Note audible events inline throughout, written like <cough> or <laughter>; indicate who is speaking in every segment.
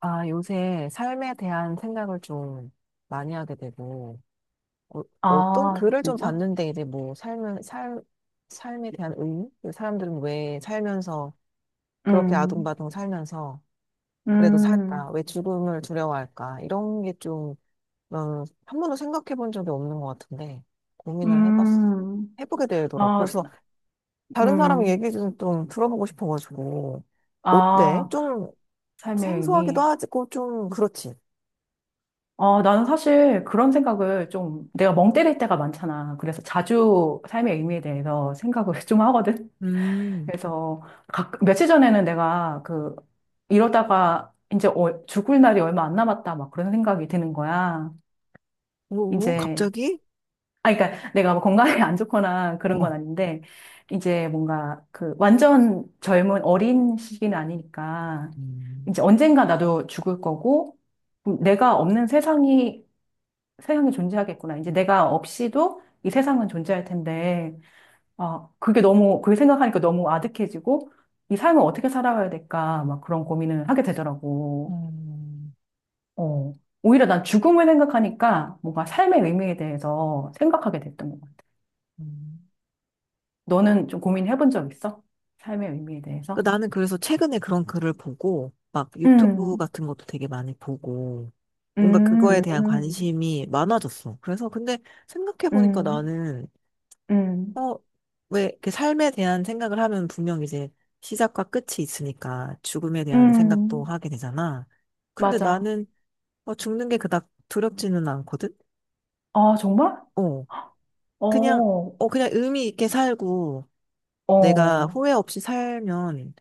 Speaker 1: 아, 요새 삶에 대한 생각을 좀 많이 하게 되고, 어, 어떤
Speaker 2: 아,
Speaker 1: 글을 좀
Speaker 2: 진짜?
Speaker 1: 봤는데, 이제 뭐, 삶에 대한 의미? 그 사람들은 왜 살면서, 그렇게
Speaker 2: 음,
Speaker 1: 아둥바둥 살면서, 그래도 살까?
Speaker 2: 음,
Speaker 1: 왜 죽음을 두려워할까? 이런 게 좀, 난 한 번도 생각해 본 적이 없는 것 같은데, 고민을 해봤,
Speaker 2: 음,
Speaker 1: 해보게 되더라고.
Speaker 2: 아,
Speaker 1: 벌써 다른 사람
Speaker 2: 음,
Speaker 1: 얘기 좀, 좀 들어보고 싶어가지고, 어때?
Speaker 2: 아,
Speaker 1: 좀
Speaker 2: 삶의
Speaker 1: 생소하기도
Speaker 2: 의미.
Speaker 1: 하고, 좀 그렇지.
Speaker 2: 아, 나는 사실 그런 생각을 좀 내가 멍 때릴 때가 많잖아. 그래서 자주 삶의 의미에 대해서 생각을 <laughs> 좀 하거든.
Speaker 1: 음.
Speaker 2: 그래서 며칠 전에는 내가 그 이러다가 이제 죽을 날이 얼마 안 남았다 막 그런 생각이 드는 거야.
Speaker 1: 오,
Speaker 2: 이제
Speaker 1: 갑자기?
Speaker 2: 아, 그러니까 내가 뭐 건강이 안 좋거나 그런 건
Speaker 1: 어.
Speaker 2: 아닌데, 이제 뭔가 그 완전 젊은 어린 시기는 아니니까,
Speaker 1: 음,
Speaker 2: 이제 언젠가 나도 죽을 거고, 내가 없는 세상이 존재하겠구나. 이제 내가 없이도 이 세상은 존재할 텐데, 아, 그게 너무, 그게 생각하니까 너무 아득해지고, 이 삶을 어떻게 살아가야 될까, 막 그런 고민을 하게 되더라고.
Speaker 1: 음.
Speaker 2: 어. 오히려 난 죽음을 생각하니까 뭔가 삶의 의미에 대해서 생각하게 됐던 것 같아.
Speaker 1: 음,
Speaker 2: 너는 좀 고민해본 적 있어? 삶의 의미에 대해서?
Speaker 1: 그 나는 그래서 최근에 그런 글을 보고, 막 유튜브
Speaker 2: 음,
Speaker 1: 같은 것도 되게 많이 보고, 뭔가 그거에
Speaker 2: 음,
Speaker 1: 대한
Speaker 2: 음,
Speaker 1: 관심이 많아졌어. 그래서 근데 생각해보니까
Speaker 2: 음,
Speaker 1: 나는,
Speaker 2: 음,
Speaker 1: 어, 왜 이렇게 삶에 대한 생각을 하면 분명 이제 시작과 끝이 있으니까 죽음에 대한 생각도
Speaker 2: 음,
Speaker 1: 하게 되잖아. 근데
Speaker 2: 맞아.
Speaker 1: 나는 죽는 게 그닥 두렵지는 않거든?
Speaker 2: 아, 정말?
Speaker 1: 어, 그냥,
Speaker 2: 어,
Speaker 1: 그냥 의미 있게 살고, 내가
Speaker 2: 어,
Speaker 1: 후회 없이 살면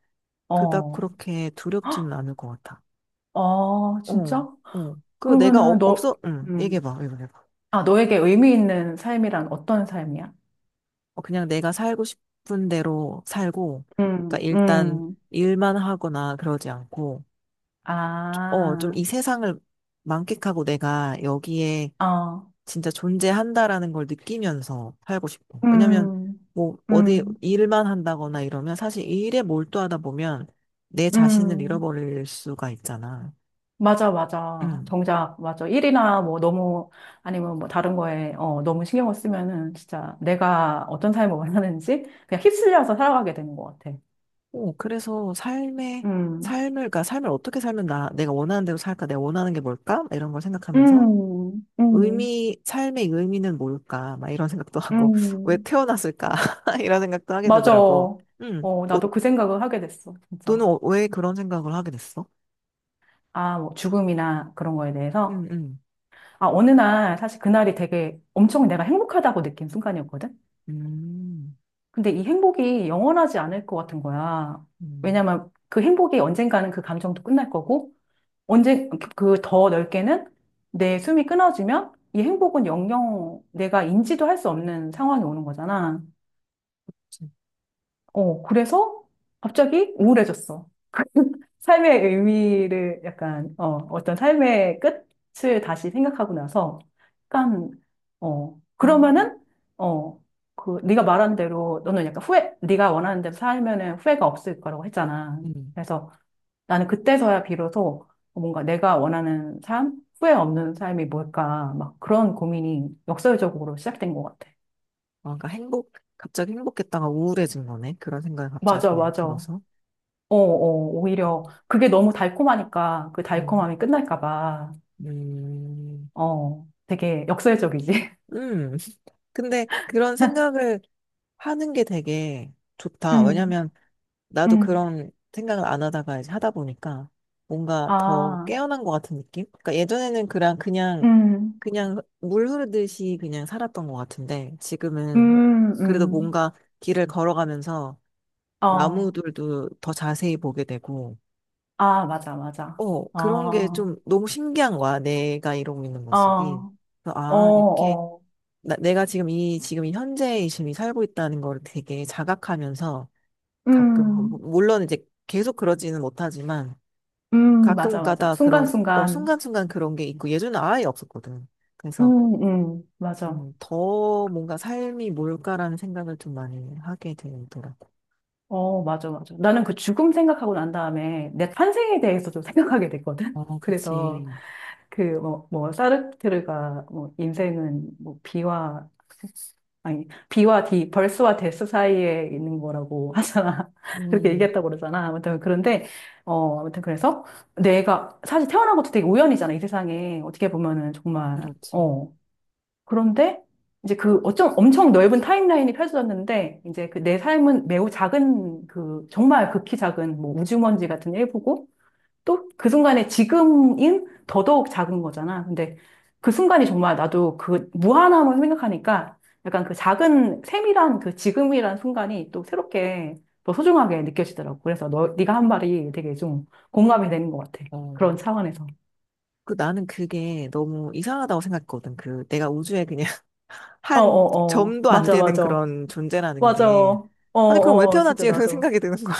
Speaker 1: 그닥
Speaker 2: 어.
Speaker 1: 그렇게 두렵지는
Speaker 2: 헉,
Speaker 1: 않을 것 같아.
Speaker 2: 아,
Speaker 1: 어,
Speaker 2: 진짜?
Speaker 1: 어. 그리고 내가
Speaker 2: 그러면은
Speaker 1: 어,
Speaker 2: 너,
Speaker 1: 없어, 응,
Speaker 2: 음,
Speaker 1: 얘기해봐, 얘기해봐.
Speaker 2: 아, 너에게 의미 있는 삶이란 어떤 삶이야?
Speaker 1: 어, 그냥 내가 살고 싶은 대로 살고, 그러니까
Speaker 2: 음,
Speaker 1: 일단
Speaker 2: 음,
Speaker 1: 일만 하거나 그러지 않고, 좀
Speaker 2: 아,
Speaker 1: 이 세상을 만끽하고 내가 여기에
Speaker 2: 어.
Speaker 1: 진짜 존재한다라는 걸 느끼면서 살고 싶어. 왜냐면,
Speaker 2: 음,
Speaker 1: 뭐, 어디
Speaker 2: 음,
Speaker 1: 일만 한다거나 이러면 사실 일에 몰두하다 보면 내 자신을
Speaker 2: 음.
Speaker 1: 잃어버릴 수가 있잖아.
Speaker 2: 맞아, 맞아.
Speaker 1: 응.
Speaker 2: 정작, 맞아. 일이나 뭐 너무, 아니면 뭐 다른 거에, 어, 너무 신경을 쓰면은 진짜 내가 어떤 삶을 원하는지 그냥 휩쓸려서 살아가게 되는 것 같아.
Speaker 1: 어, 그래서
Speaker 2: 음,
Speaker 1: 그러니까 삶을 어떻게 살면 나, 내가 원하는 대로 살까? 내가 원하는 게 뭘까? 이런 걸 생각하면서
Speaker 2: 음, 음,
Speaker 1: 삶의 의미는 뭘까? 막 이런 생각도 하고, <laughs> 왜
Speaker 2: 음.
Speaker 1: 태어났을까? <laughs> 이런 생각도 하게
Speaker 2: 맞아.
Speaker 1: 되더라고.
Speaker 2: 어,
Speaker 1: 어,
Speaker 2: 나도 그 생각을 하게 됐어,
Speaker 1: 너는
Speaker 2: 진짜.
Speaker 1: 왜 그런 생각을 하게 됐어?
Speaker 2: 아, 뭐 죽음이나 그런 거에 대해서.
Speaker 1: 음, 음,
Speaker 2: 아, 어느 날, 사실 그날이 되게 엄청 내가 행복하다고 느낀 순간이었거든?
Speaker 1: 음,
Speaker 2: 근데 이 행복이 영원하지 않을 것 같은 거야.
Speaker 1: 음,
Speaker 2: 왜냐면 그 행복이 언젠가는 그 감정도 끝날 거고, 언제, 그 더 넓게는 내 숨이 끊어지면 이 행복은 영영 내가 인지도 할 수 없는 상황이 오는 거잖아.
Speaker 1: 진-
Speaker 2: 어, 그래서 갑자기 우울해졌어. <laughs> 삶의 의미를 약간, 어, 어떤 삶의 끝을 다시 생각하고 나서, 약간, 어,
Speaker 1: 아,
Speaker 2: 그러면은, 어, 그, 네가 말한 대로, 너는 약간 후회, 네가 원하는 대로 살면은 후회가 없을 거라고 했잖아.
Speaker 1: 음.
Speaker 2: 그래서 나는 그때서야 비로소 뭔가 내가 원하는 삶, 후회 없는 삶이 뭘까, 막 그런 고민이 역설적으로 시작된 것 같아.
Speaker 1: 아, 그러니까 행복, 갑자기 행복했다가 우울해진 거네. 그런 생각이
Speaker 2: 맞아,
Speaker 1: 갑자기
Speaker 2: 맞아. 어,
Speaker 1: 들어서.
Speaker 2: 어, 오히려
Speaker 1: 음,
Speaker 2: 그게 너무 달콤하니까 그
Speaker 1: 음,
Speaker 2: 달콤함이 끝날까 봐,
Speaker 1: 음.
Speaker 2: 어, 되게 역설적이지.
Speaker 1: 음. <laughs> 근데 그런 생각을 하는 게 되게
Speaker 2: <laughs>
Speaker 1: 좋다.
Speaker 2: 음,
Speaker 1: 왜냐면 나도
Speaker 2: 음,
Speaker 1: 그런 생각을 안 하다가 이제 하다 보니까 뭔가 더
Speaker 2: 아,
Speaker 1: 깨어난 것 같은 느낌? 그러니까 예전에는 그냥
Speaker 2: 음,
Speaker 1: 그냥 물 흐르듯이 그냥 살았던 것 같은데 지금은
Speaker 2: 음,
Speaker 1: 그래도
Speaker 2: 음,
Speaker 1: 뭔가 길을 걸어가면서
Speaker 2: 어,
Speaker 1: 나무들도 더 자세히 보게 되고
Speaker 2: 아, 맞아, 맞아.
Speaker 1: 어
Speaker 2: 어,
Speaker 1: 그런 게
Speaker 2: 어,
Speaker 1: 좀 너무 신기한 거야. 내가 이러고 있는 모습이. 그래서
Speaker 2: 어,
Speaker 1: 아 이렇게
Speaker 2: 어,
Speaker 1: 나, 내가 지금 이 현재의 지금 이 살고 있다는 걸 되게 자각하면서 가끔.
Speaker 2: 음,
Speaker 1: 물론 이제 계속 그러지는 못하지만 가끔
Speaker 2: 맞아, 맞아.
Speaker 1: 가다 그런, 어,
Speaker 2: 순간순간,
Speaker 1: 순간순간 그런 게 있고 예전에 아예 없었거든. 그래서,
Speaker 2: 맞아.
Speaker 1: 더 뭔가 삶이 뭘까라는 생각을 좀 많이 하게 되더라고.
Speaker 2: 어, 맞아, 맞아. 나는 그 죽음 생각하고 난 다음에 내 탄생에 대해서 좀 생각하게 됐거든.
Speaker 1: 어,
Speaker 2: <laughs> 그래서,
Speaker 1: 그치.
Speaker 2: 그, 뭐, 뭐, 사르트르가, 뭐, 인생은, 뭐, 비와, 아니, 비와 디, 벌스와 데스 사이에 있는 거라고 하잖아. <laughs> 그렇게
Speaker 1: 음,
Speaker 2: 얘기했다고 그러잖아. 아무튼, 그런데, 어, 아무튼, 그래서, 내가, 사실 태어난 것도 되게 우연이잖아, 이 세상에. 어떻게 보면은, 정말,
Speaker 1: 그렇지.
Speaker 2: 어. 그런데, 이제 그, 어쩜 엄청 넓은 타임라인이 펼쳐졌는데, 이제 그 내 삶은 매우 작은, 그, 정말 극히 작은, 뭐, 우주먼지 같은 일부고, 또 그 순간에 지금인 더더욱 작은 거잖아. 근데 그 순간이 정말 나도 그 무한함을 생각하니까 약간 그 작은 세밀한 그 지금이란 순간이 또 새롭게 더 소중하게 느껴지더라고. 그래서 너, 네가 한 말이 되게 좀 공감이 되는 것 같아.
Speaker 1: 어.
Speaker 2: 그런 차원에서.
Speaker 1: 그 나는 그게 너무 이상하다고 생각했거든. 그 내가 우주에 그냥 <laughs>
Speaker 2: 어,
Speaker 1: 한
Speaker 2: 어, 어.
Speaker 1: 점도 안
Speaker 2: 맞아,
Speaker 1: 되는
Speaker 2: 맞아.
Speaker 1: 그런 존재라는
Speaker 2: 맞아.
Speaker 1: 게.
Speaker 2: 어,
Speaker 1: 아니, 그럼 왜
Speaker 2: 어. 진짜
Speaker 1: 태어났지? <laughs> 이런
Speaker 2: 나도.
Speaker 1: 생각이 드는 거야.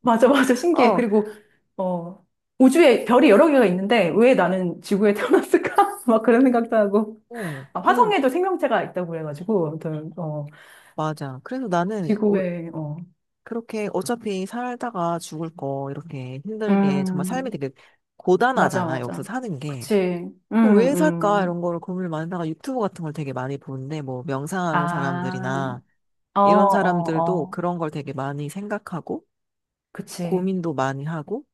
Speaker 2: 맞아, 맞아.
Speaker 1: <laughs>
Speaker 2: 신기해.
Speaker 1: 어,
Speaker 2: 그리고, 어, 우주에 별이 여러 개가 있는데 왜 나는 지구에 태어났을까? <laughs> 막 그런 생각도 하고.
Speaker 1: 어.
Speaker 2: 아,
Speaker 1: 그래서,
Speaker 2: 화성에도 생명체가 있다고 그래가지고, 아무튼, 어,
Speaker 1: 맞아. 그래서 나는 어,
Speaker 2: 지구에, 어,
Speaker 1: 그렇게 어차피 살다가 죽을 거 이렇게 힘들게 정말 삶이
Speaker 2: 음,
Speaker 1: 되게
Speaker 2: 맞아,
Speaker 1: 고단하잖아 여기서
Speaker 2: 맞아.
Speaker 1: 사는 게.
Speaker 2: 그치.
Speaker 1: 그왜
Speaker 2: 음,
Speaker 1: 살까 이런
Speaker 2: 음.
Speaker 1: 거를 고민을 많이 하다가 유튜브 같은 걸 되게 많이 보는데 뭐 명상하는
Speaker 2: 아,
Speaker 1: 사람들이나
Speaker 2: 어, 어,
Speaker 1: 이런 사람들도
Speaker 2: 어.
Speaker 1: 그런 걸 되게 많이 생각하고
Speaker 2: 그치.
Speaker 1: 고민도 많이 하고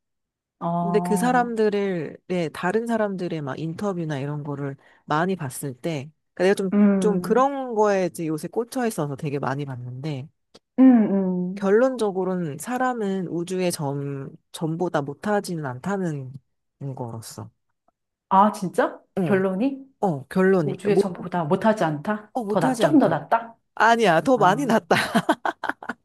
Speaker 1: 근데 그
Speaker 2: 어,
Speaker 1: 사람들의 네, 다른 사람들의 막 인터뷰나 이런 거를 많이 봤을 때 그러니까 내가 좀 좀
Speaker 2: 음,
Speaker 1: 그런 거에 이제 요새 꽂혀 있어서 되게 많이 봤는데
Speaker 2: 음, 음.
Speaker 1: 결론적으로는 사람은 우주의 점, 전보다 못하지는 않다는 거로서.
Speaker 2: 아, 진짜?
Speaker 1: 응,
Speaker 2: 결론이?
Speaker 1: 어, 결론이. 그러니까
Speaker 2: 우주에
Speaker 1: 못,
Speaker 2: 전보다 못하지 않다?
Speaker 1: 어,
Speaker 2: 더 나,
Speaker 1: 못하지
Speaker 2: 조금 더
Speaker 1: 않다.
Speaker 2: 낫다?
Speaker 1: 아니야, 더 많이
Speaker 2: 아.
Speaker 1: 낫다. <laughs>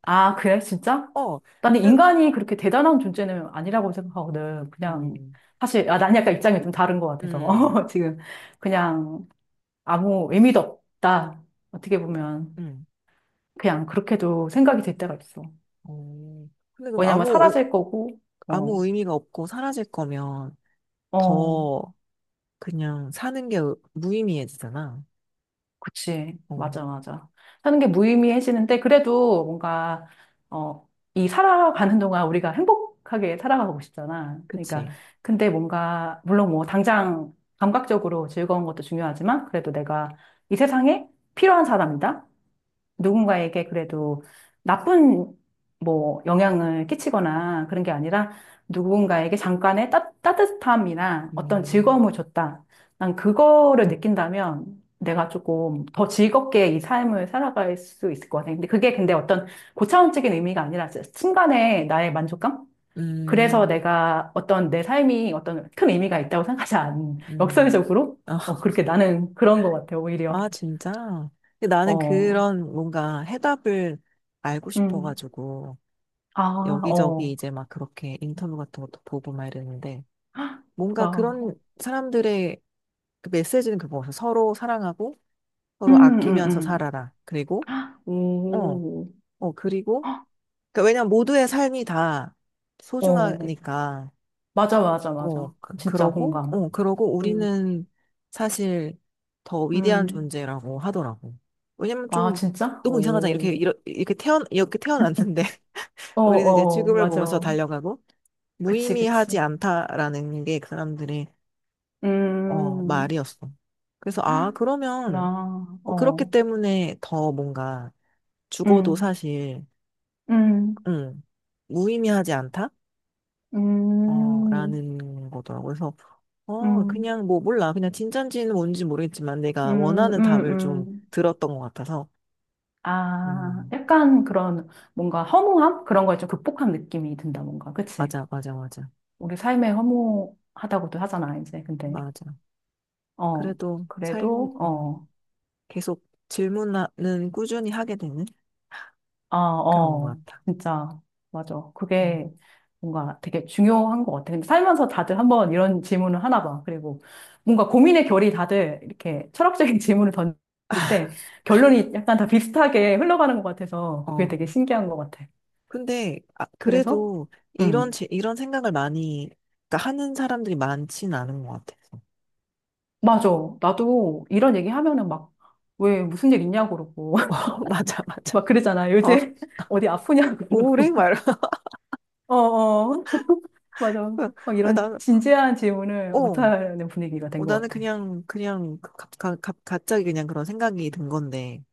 Speaker 2: 아, 그래? 진짜?
Speaker 1: 어,
Speaker 2: 나는
Speaker 1: 그,
Speaker 2: 인간이 그렇게 대단한 존재는 아니라고 생각하거든. 그냥,
Speaker 1: 음,
Speaker 2: 사실, 아, 난 약간 입장이 좀 다른 것 같아서.
Speaker 1: 음,
Speaker 2: <laughs> 지금, 그냥, 아무 의미도 없다. 어떻게 보면.
Speaker 1: 음.
Speaker 2: 그냥 그렇게도 생각이 될 때가 있어.
Speaker 1: 어. 근데 그럼
Speaker 2: 왜냐면
Speaker 1: 아무, 의-
Speaker 2: 사라질 거고, 어,
Speaker 1: 아무 의미가 없고 사라질 거면
Speaker 2: 어.
Speaker 1: 더 그냥 사는 게 무의미해지잖아.
Speaker 2: 그치.
Speaker 1: 어,
Speaker 2: 맞아, 맞아. 사는 게 무의미해지는데, 그래도 뭔가, 어, 이 살아가는 동안 우리가 행복하게 살아가고 싶잖아. 그러니까,
Speaker 1: 그치.
Speaker 2: 근데 뭔가, 물론 뭐, 당장 감각적으로 즐거운 것도 중요하지만, 그래도 내가 이 세상에 필요한 사람이다. 누군가에게 그래도 나쁜 뭐 영향을 끼치거나 그런 게 아니라 누군가에게 잠깐의 따뜻함이나 어떤
Speaker 1: 음,
Speaker 2: 즐거움을 줬다. 난 그거를 느낀다면 내가 조금 더 즐겁게 이 삶을 살아갈 수 있을 것 같아. 근데 그게 근데 어떤 고차원적인 의미가 아니라 순간의 나의 만족감? 그래서
Speaker 1: 음,
Speaker 2: 내가 어떤 내 삶이 어떤 큰 의미가 있다고 생각하지 않,
Speaker 1: 음.
Speaker 2: 역설적으로? 어,
Speaker 1: <laughs>
Speaker 2: 그렇게 나는 그런 것 같아요, 오히려.
Speaker 1: 아, 진짜? 근데 나는
Speaker 2: 어,
Speaker 1: 그런 뭔가 해답을 알고
Speaker 2: 음.
Speaker 1: 싶어가지고,
Speaker 2: 아,
Speaker 1: 여기저기
Speaker 2: 어.
Speaker 1: 이제 막 그렇게 인터뷰 같은 것도 보고 막 이랬는데,
Speaker 2: 아, 구
Speaker 1: 뭔가 그런 사람들의 그 메시지는 그거 같아. 서로 사랑하고, 서로
Speaker 2: 음, 음,
Speaker 1: 아끼면서
Speaker 2: 음.
Speaker 1: 살아라. 그리고,
Speaker 2: 아,
Speaker 1: 어,
Speaker 2: 오.
Speaker 1: 어, 그리고, 그러니까 왜냐면 모두의 삶이 다
Speaker 2: 어,
Speaker 1: 소중하니까,
Speaker 2: 맞아, 맞아,
Speaker 1: 어,
Speaker 2: 맞아.
Speaker 1: 그,
Speaker 2: 진짜
Speaker 1: 그러고,
Speaker 2: 공감.
Speaker 1: 어, 그러고
Speaker 2: 음,
Speaker 1: 우리는 사실 더 위대한
Speaker 2: 음.
Speaker 1: 존재라고 하더라고. 왜냐면
Speaker 2: 아,
Speaker 1: 좀
Speaker 2: 진짜?
Speaker 1: 너무 이상하잖아. 이렇게,
Speaker 2: 오.
Speaker 1: 이러- 이렇게 태어, 이렇게 태어났는데 <laughs>
Speaker 2: 어,
Speaker 1: 우리는 이제
Speaker 2: 어,
Speaker 1: 지구를
Speaker 2: 맞아.
Speaker 1: 보면서 달려가고
Speaker 2: 그치, 그치.
Speaker 1: 무의미하지 않다라는 게 그 사람들의, 어,
Speaker 2: 음,
Speaker 1: 말이었어. 그래서, 아,
Speaker 2: 아,
Speaker 1: 그러면,
Speaker 2: 나,
Speaker 1: 어, 그렇기
Speaker 2: 어.
Speaker 1: 때문에 더 뭔가 죽어도
Speaker 2: 음,
Speaker 1: 사실,
Speaker 2: 음,
Speaker 1: 음 무의미하지 않다? 어,
Speaker 2: 음,
Speaker 1: 라는 거더라고요. 그래서, 어,
Speaker 2: 음,
Speaker 1: 그냥 뭐, 몰라. 그냥 진짠지는 뭔지 모르겠지만 내가
Speaker 2: 음,
Speaker 1: 원하는
Speaker 2: 음,
Speaker 1: 답을 좀
Speaker 2: 음.
Speaker 1: 들었던 것 같아서.
Speaker 2: 아,
Speaker 1: 음,
Speaker 2: 약간 그런 뭔가 허무함? 그런 걸 좀 극복한 느낌이 든다, 뭔가. 그치?
Speaker 1: 맞아, 맞아, 맞아.
Speaker 2: 우리 삶에 허무하다고도 하잖아, 이제. 근데,
Speaker 1: 맞아.
Speaker 2: 어,
Speaker 1: 그래도 삶,
Speaker 2: 그래도, 어,
Speaker 1: 계속 질문은 꾸준히 하게 되는
Speaker 2: 아,
Speaker 1: 그런 것
Speaker 2: 어,
Speaker 1: 같아.
Speaker 2: 진짜, 맞아.
Speaker 1: 음,
Speaker 2: 그게 뭔가 되게 중요한 것 같아. 근데 살면서 다들 한번 이런 질문을 하나 봐. 그리고 뭔가 고민의 결이 다들 이렇게 철학적인 <laughs> 질문을 던질 때 결론이 약간 다 비슷하게 흘러가는 것 같아서 그게
Speaker 1: 어,
Speaker 2: 되게 신기한 것 같아.
Speaker 1: 근데, 아,
Speaker 2: 그래서,
Speaker 1: 그래도 이런,
Speaker 2: 음,
Speaker 1: 제- 이런 생각을 많이, 그러니까 하는 사람들이 많진 않은 것 같아서.
Speaker 2: 맞아. 나도 이런 얘기 하면은 막, 왜 무슨 일 있냐고 그러고.
Speaker 1: <laughs> 맞아, 맞아.
Speaker 2: 막 그러잖아.
Speaker 1: 어,
Speaker 2: 요새 <laughs> 어디 아프냐고 <laughs> 그러고.
Speaker 1: 우울해? 말고.
Speaker 2: 어, 어, 맞아. 막
Speaker 1: <laughs>
Speaker 2: 이런
Speaker 1: 나는,
Speaker 2: 진지한 질문을
Speaker 1: 어.
Speaker 2: 못하는 분위기가 된
Speaker 1: 어,
Speaker 2: 것
Speaker 1: 나는
Speaker 2: 같아.
Speaker 1: 그냥, 그냥, 갑, 갑, 갑- 갑자기 그냥 그런 생각이 든 건데,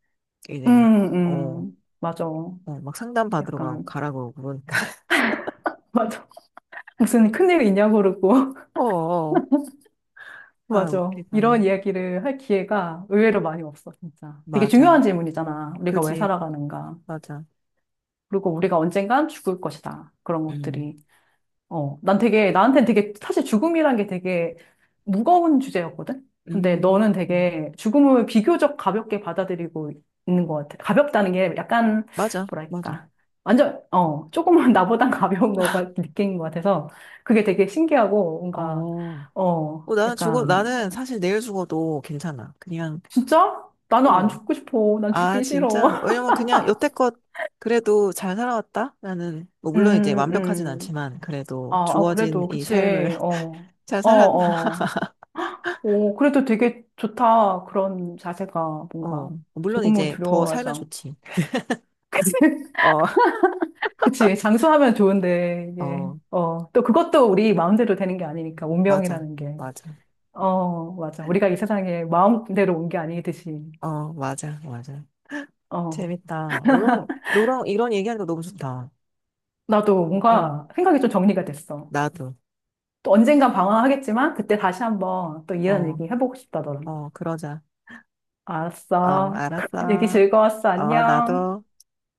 Speaker 1: 이제, 어,
Speaker 2: 맞아.
Speaker 1: 어, 막 상담 받으러 가고,
Speaker 2: 약간,
Speaker 1: 가라고 그러니까. <laughs>
Speaker 2: <laughs> 맞아. 무슨 큰일 있냐고 그러고. <laughs>
Speaker 1: 어, 어. 아,
Speaker 2: 맞아.
Speaker 1: 웃기다.
Speaker 2: 이런 이야기를 할 기회가 의외로 많이 없어, 진짜. 되게 중요한
Speaker 1: 맞아.
Speaker 2: 질문이잖아. 우리가 왜
Speaker 1: 그지,
Speaker 2: 살아가는가.
Speaker 1: 맞아.
Speaker 2: 그리고 우리가 언젠간 죽을 것이다. 그런
Speaker 1: 음,
Speaker 2: 것들이. 어, 난 되게, 나한테는 되게, 사실 죽음이란 게 되게 무거운 주제였거든? 근데
Speaker 1: 음,
Speaker 2: 너는
Speaker 1: 음.
Speaker 2: 되게 죽음을 비교적 가볍게 받아들이고 있는 것 같아. 가볍다는 게 약간,
Speaker 1: 맞아, 맞아.
Speaker 2: 뭐랄까. 완전, 어, 조금은 <laughs> 나보단 가벼운 거가 느낀 것 같아서 그게 되게 신기하고 뭔가,
Speaker 1: 어,
Speaker 2: 어,
Speaker 1: 어, 나는 죽어,
Speaker 2: 약간,
Speaker 1: 나는 사실 내일 죽어도 괜찮아. 그냥,
Speaker 2: 진짜? 나는 안
Speaker 1: 어.
Speaker 2: 죽고 싶어. 난
Speaker 1: 아,
Speaker 2: 죽기 싫어.
Speaker 1: 진짜?
Speaker 2: <laughs>
Speaker 1: 왜냐면 그냥 여태껏 그래도 잘 살아왔다? 나는, 뭐, 물론 이제
Speaker 2: 음,
Speaker 1: 완벽하진
Speaker 2: 음.
Speaker 1: 않지만, 그래도
Speaker 2: 아, 아,
Speaker 1: 주어진
Speaker 2: 그래도,
Speaker 1: 이
Speaker 2: 그치.
Speaker 1: 삶을
Speaker 2: 어,
Speaker 1: <laughs> 잘
Speaker 2: 어,
Speaker 1: 살았다.
Speaker 2: 어. 오, 그래도 되게 좋다. 그런 자세가
Speaker 1: 어,
Speaker 2: 뭔가
Speaker 1: 물론
Speaker 2: 죽음을
Speaker 1: 이제 더
Speaker 2: 두려워하지
Speaker 1: 살면
Speaker 2: 않고.
Speaker 1: 좋지.
Speaker 2: 그치? <laughs>
Speaker 1: 어,
Speaker 2: 그치. 장수하면 좋은데,
Speaker 1: <laughs>
Speaker 2: 이게,
Speaker 1: 어,
Speaker 2: 어, 또 그것도 우리 마음대로 되는 게 아니니까,
Speaker 1: 맞아,
Speaker 2: 운명이라는 게.
Speaker 1: 맞아.
Speaker 2: 어, 맞아. 우리가 이 세상에 마음대로 온 게 아니듯이.
Speaker 1: 어, 맞아, 맞아.
Speaker 2: 어,
Speaker 1: 재밌다. 응, 너랑 이런 얘기하는 거 너무 좋다.
Speaker 2: 나도
Speaker 1: 응,
Speaker 2: 뭔가 생각이 좀 정리가 됐어.
Speaker 1: 나도.
Speaker 2: 또 언젠간 방황하겠지만, 그때 다시 한번 또 이런
Speaker 1: 어,
Speaker 2: 얘기 해보고 싶다, 더라
Speaker 1: 어, 그러자. 어,
Speaker 2: 알았어. <laughs> 얘기
Speaker 1: 알았어.
Speaker 2: 즐거웠어.
Speaker 1: 어,
Speaker 2: 안녕.
Speaker 1: 나도.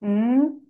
Speaker 2: 음.